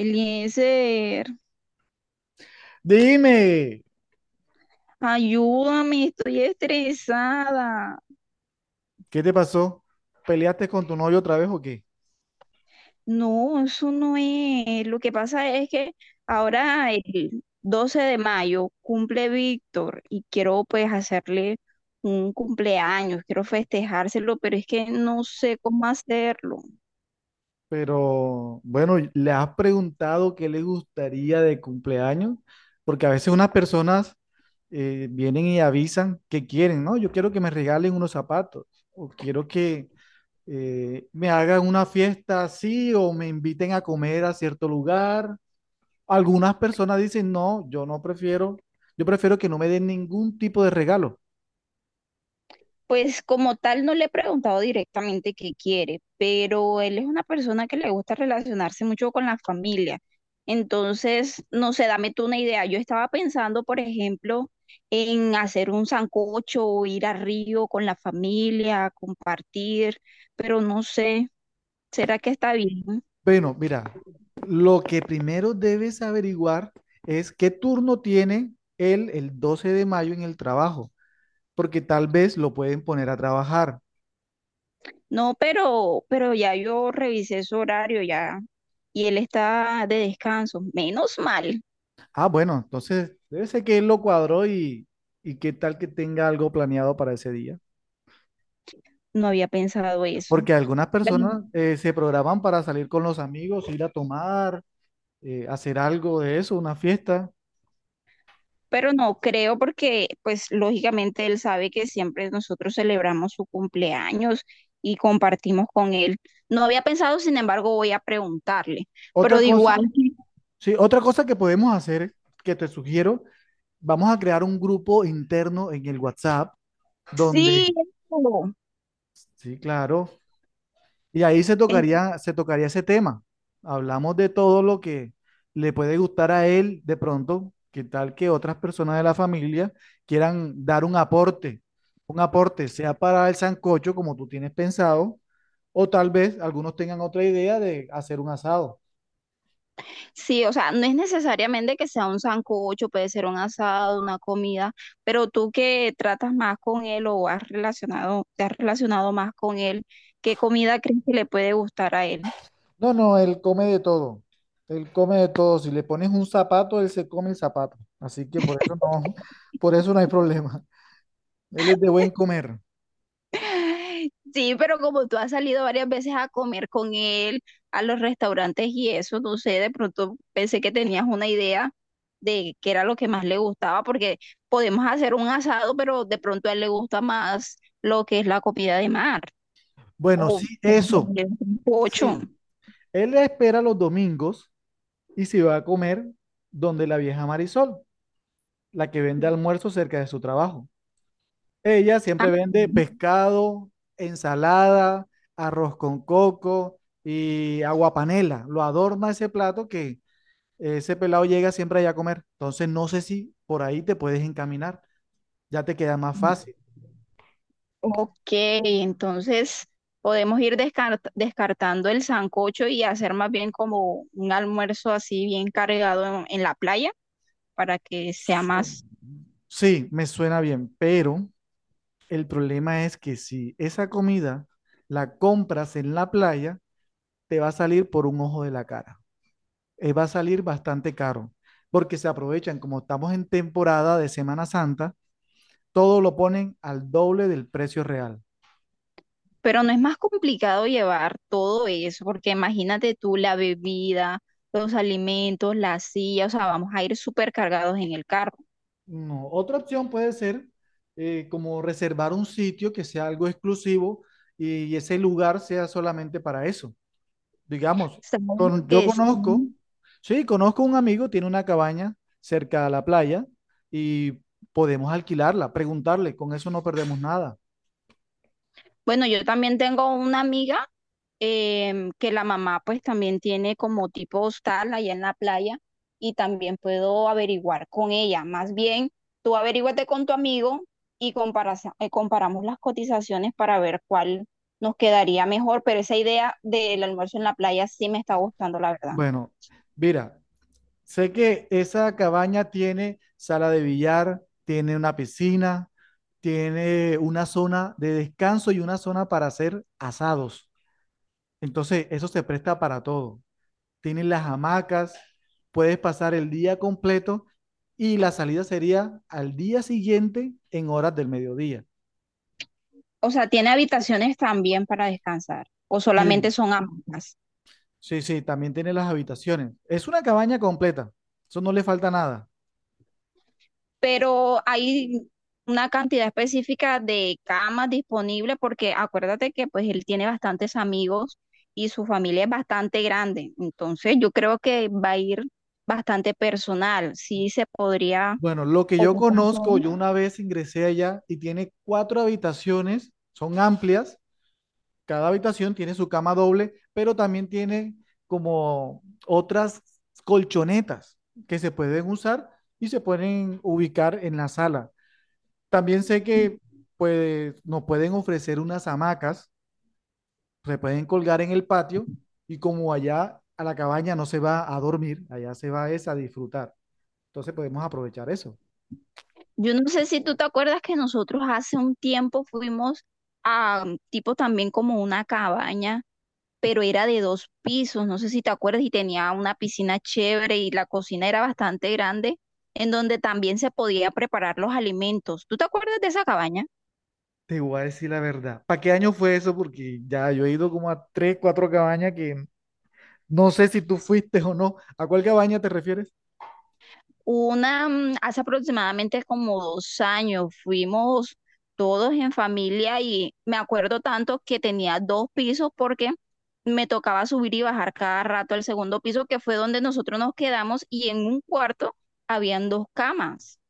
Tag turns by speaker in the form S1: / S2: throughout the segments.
S1: Eliezer,
S2: Dime,
S1: ayúdame, estoy estresada.
S2: ¿qué te pasó? ¿Peleaste con tu novio otra vez o qué?
S1: No, eso no es. Lo que pasa es que ahora el 12 de mayo cumple Víctor y quiero pues hacerle un cumpleaños, quiero festejárselo, pero es que no sé cómo hacerlo.
S2: Pero bueno, ¿le has preguntado qué le gustaría de cumpleaños? Porque a veces unas personas vienen y avisan que quieren, ¿no? Yo quiero que me regalen unos zapatos o quiero que me hagan una fiesta así o me inviten a comer a cierto lugar. Algunas personas dicen, no, yo no prefiero, yo prefiero que no me den ningún tipo de regalo.
S1: Pues como tal no le he preguntado directamente qué quiere, pero él es una persona que le gusta relacionarse mucho con la familia. Entonces, no sé, dame tú una idea. Yo estaba pensando, por ejemplo, en hacer un sancocho o ir a Río con la familia, compartir, pero no sé, ¿será que está bien?
S2: Bueno, mira, lo que primero debes averiguar es qué turno tiene él el 12 de mayo en el trabajo, porque tal vez lo pueden poner a trabajar.
S1: No, pero ya yo revisé su horario ya y él está de descanso. Menos mal,
S2: Ah, bueno, entonces debe ser que él lo cuadró y qué tal que tenga algo planeado para ese día.
S1: no había pensado eso.
S2: Porque algunas personas se programan para salir con los amigos, ir a tomar, hacer algo de eso, una fiesta.
S1: Pero no creo porque pues lógicamente él sabe que siempre nosotros celebramos su cumpleaños y compartimos con él. No había pensado, sin embargo, voy a preguntarle, pero
S2: Otra
S1: de igual,
S2: cosa. Sí, otra cosa que podemos hacer, que te sugiero, vamos a crear un grupo interno en el WhatsApp donde,
S1: sí, eso,
S2: sí, claro, y ahí se
S1: eh,
S2: tocaría, se tocaría ese tema. Hablamos de todo lo que le puede gustar a él de pronto, que tal que otras personas de la familia quieran dar un aporte, sea para el sancocho como tú tienes pensado, o tal vez algunos tengan otra idea de hacer un asado.
S1: sí, o sea, no es necesariamente que sea un sancocho, puede ser un asado, una comida, pero tú que tratas más con él o has relacionado, te has relacionado más con él, ¿qué comida crees que le puede gustar a él?
S2: No, no, él come de todo. Él come de todo. Si le pones un zapato, él se come el zapato. Así que por eso no hay problema. Él es de buen comer.
S1: Sí, pero como tú has salido varias veces a comer con él, a los restaurantes y eso, no sé, de pronto pensé que tenías una idea de qué era lo que más le gustaba, porque podemos hacer un asado, pero de pronto a él le gusta más lo que es la comida de mar
S2: Bueno,
S1: o
S2: sí, eso.
S1: un pocho.
S2: Sí. Él espera los domingos y se va a comer donde la vieja Marisol, la que vende almuerzo cerca de su trabajo. Ella
S1: Ah,
S2: siempre vende
S1: sí.
S2: pescado, ensalada, arroz con coco y agua panela. Lo adorna ese plato que ese pelado llega siempre allá a comer. Entonces no sé si por ahí te puedes encaminar, ya te queda más fácil.
S1: Ok, entonces podemos ir descartando el sancocho y hacer más bien como un almuerzo así bien cargado en la playa, para que sea
S2: Su-
S1: más.
S2: Sí, me suena bien, pero el problema es que si esa comida la compras en la playa, te va a salir por un ojo de la cara. Va a salir bastante caro, porque se aprovechan, como estamos en temporada de Semana Santa, todo lo ponen al doble del precio real.
S1: Pero no es más complicado llevar todo eso, porque imagínate tú la bebida, los alimentos, la silla, o sea, vamos a ir súper cargados en el carro.
S2: No, otra opción puede ser como reservar un sitio que sea algo exclusivo y ese lugar sea solamente para eso. Digamos,
S1: Saben que
S2: yo
S1: sí.
S2: conozco, sí, conozco un amigo, tiene una cabaña cerca a la playa y podemos alquilarla, preguntarle, con eso no perdemos nada.
S1: Bueno, yo también tengo una amiga que la mamá pues también tiene como tipo hostal allá en la playa y también puedo averiguar con ella. Más bien, tú averíguate con tu amigo y comparamos las cotizaciones para ver cuál nos quedaría mejor, pero esa idea del almuerzo en la playa sí me está gustando, la verdad.
S2: Bueno, mira, sé que esa cabaña tiene sala de billar, tiene una piscina, tiene una zona de descanso y una zona para hacer asados. Entonces, eso se presta para todo. Tienen las hamacas, puedes pasar el día completo y la salida sería al día siguiente en horas del mediodía.
S1: O sea, ¿tiene habitaciones también para descansar o solamente
S2: Sí.
S1: son ambas?
S2: Sí, también tiene las habitaciones. Es una cabaña completa, eso no le falta nada.
S1: Pero hay una cantidad específica de camas disponibles porque acuérdate que pues él tiene bastantes amigos y su familia es bastante grande, entonces yo creo que va a ir bastante personal, sí se podría
S2: Bueno, lo que yo
S1: ocupar todo.
S2: conozco, yo una vez ingresé allá y tiene cuatro habitaciones, son amplias. Cada habitación tiene su cama doble, pero también tiene como otras colchonetas que se pueden usar y se pueden ubicar en la sala. También sé que pues, nos pueden ofrecer unas hamacas, se pueden colgar en el patio y como allá a la cabaña no se va a dormir, allá se va es a disfrutar. Entonces podemos aprovechar eso.
S1: Yo no sé si tú te acuerdas que nosotros hace un tiempo fuimos a tipo también como una cabaña pero era de dos pisos, no sé si te acuerdas, y tenía una piscina chévere y la cocina era bastante grande, en donde también se podía preparar los alimentos. ¿Tú te acuerdas de esa cabaña?
S2: Te voy a decir la verdad. ¿Para qué año fue eso? Porque ya yo he ido como a tres, cuatro cabañas que... No sé si tú fuiste o no. ¿A cuál cabaña te refieres?
S1: Una, hace aproximadamente como 2 años fuimos todos en familia y me acuerdo tanto que tenía dos pisos porque me tocaba subir y bajar cada rato al segundo piso, que fue donde nosotros nos quedamos y en un cuarto habían dos camas.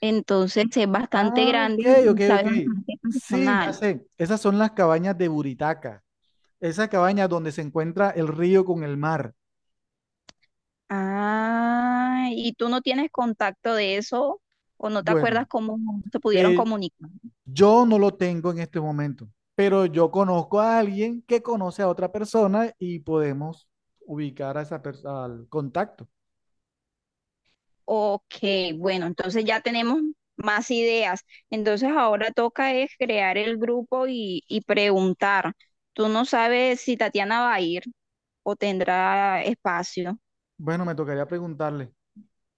S1: Entonces es bastante
S2: Ah,
S1: grande
S2: ok, ok,
S1: y sabe
S2: ok.
S1: bastante
S2: Sí, ya
S1: personal.
S2: sé. Esas son las cabañas de Buritaca. Esa cabaña donde se encuentra el río con el mar.
S1: Ah, ¿y tú no tienes contacto de eso o no te acuerdas
S2: Bueno,
S1: cómo se pudieron
S2: eh,
S1: comunicar?
S2: yo no lo tengo en este momento, pero yo conozco a alguien que conoce a otra persona y podemos ubicar a esa persona al contacto.
S1: Ok, bueno, entonces ya tenemos más ideas. Entonces ahora toca es crear el grupo y preguntar. Tú no sabes si Tatiana va a ir o tendrá espacio.
S2: Bueno, me tocaría preguntarle.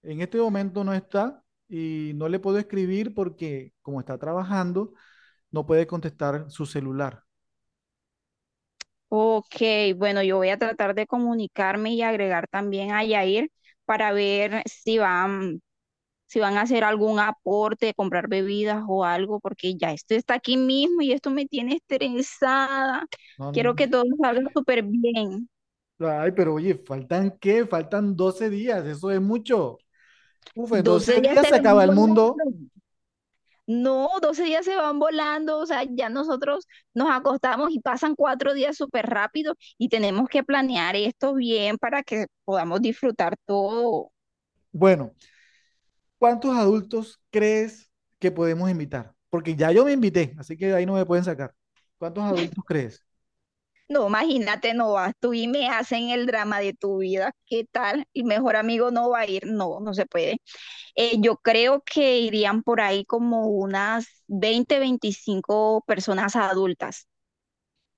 S2: En este momento no está y no le puedo escribir porque como está trabajando, no puede contestar su celular.
S1: Ok, bueno, yo voy a tratar de comunicarme y agregar también a Yair para ver si va, si van a hacer algún aporte, comprar bebidas o algo, porque ya esto está aquí mismo y esto me tiene estresada.
S2: No, n-
S1: Quiero que todo salga súper bien.
S2: ay, pero oye, ¿faltan qué? Faltan 12 días, eso es mucho. Uf, en
S1: 12
S2: 12
S1: días
S2: días
S1: se
S2: se
S1: van
S2: acaba el mundo.
S1: volando. No, 12 días se van volando. O sea, ya nosotros nos acostamos y pasan 4 días súper rápido y tenemos que planear esto bien para que podamos disfrutar todo.
S2: Bueno, ¿cuántos adultos crees que podemos invitar? Porque ya yo me invité, así que de ahí no me pueden sacar. ¿Cuántos adultos crees?
S1: No, imagínate, no vas tú y me hacen el drama de tu vida. ¿Qué tal? Y mejor amigo no va a ir. No, no se puede. Yo creo que irían por ahí como unas 20, 25 personas adultas.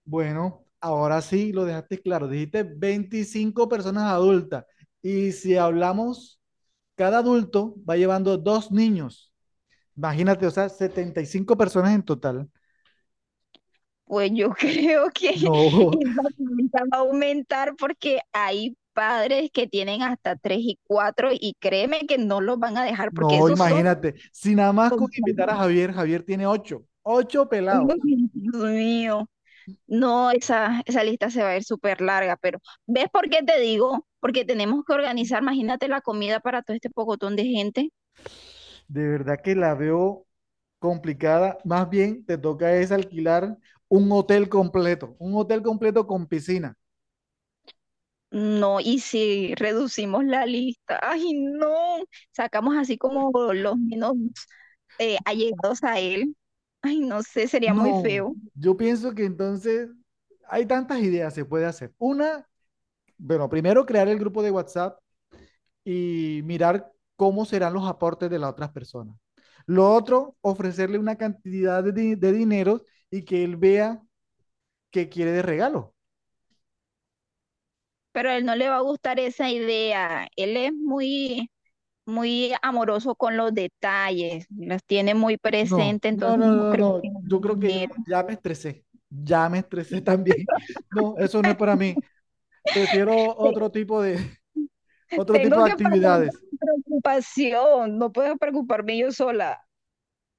S2: Bueno, ahora sí lo dejaste claro. Dijiste 25 personas adultas. Y si hablamos, cada adulto va llevando dos niños. Imagínate, o sea, 75 personas en total.
S1: Pues yo creo que
S2: No,
S1: esa cuenta va a aumentar porque hay padres que tienen hasta tres y cuatro y créeme que no los van a dejar porque
S2: no,
S1: esos son...
S2: imagínate. Si nada más con invitar a
S1: culpables.
S2: Javier, Javier tiene ocho
S1: Uy,
S2: pelados.
S1: Dios mío. No, esa lista se va a ir súper larga, pero ¿ves por qué te digo? Porque tenemos que organizar, imagínate la comida para todo este pocotón de gente.
S2: De verdad que la veo complicada. Más bien te toca es alquilar un hotel completo con piscina.
S1: No, y si reducimos la lista, ay no, sacamos así como los menos allegados a él, ay no sé, sería muy
S2: No,
S1: feo,
S2: yo pienso que entonces hay tantas ideas se puede hacer. Una, bueno, primero crear el grupo de WhatsApp y mirar cómo serán los aportes de las otras personas. Lo otro, ofrecerle una cantidad de, de dinero y que él vea qué quiere de regalo.
S1: pero a él no le va a gustar esa idea, él es muy, muy amoroso con los detalles, los tiene muy
S2: No,
S1: presente,
S2: no,
S1: entonces
S2: no,
S1: no
S2: no,
S1: creo
S2: no.
S1: que no le
S2: Yo creo que ya,
S1: genere.
S2: ya me estresé. Ya me estresé también. No, eso no es para mí. Prefiero
S1: Te-
S2: otro tipo de, otro
S1: Tengo
S2: tipo de
S1: que pasar por
S2: actividades.
S1: mi preocupación, no puedo preocuparme yo sola.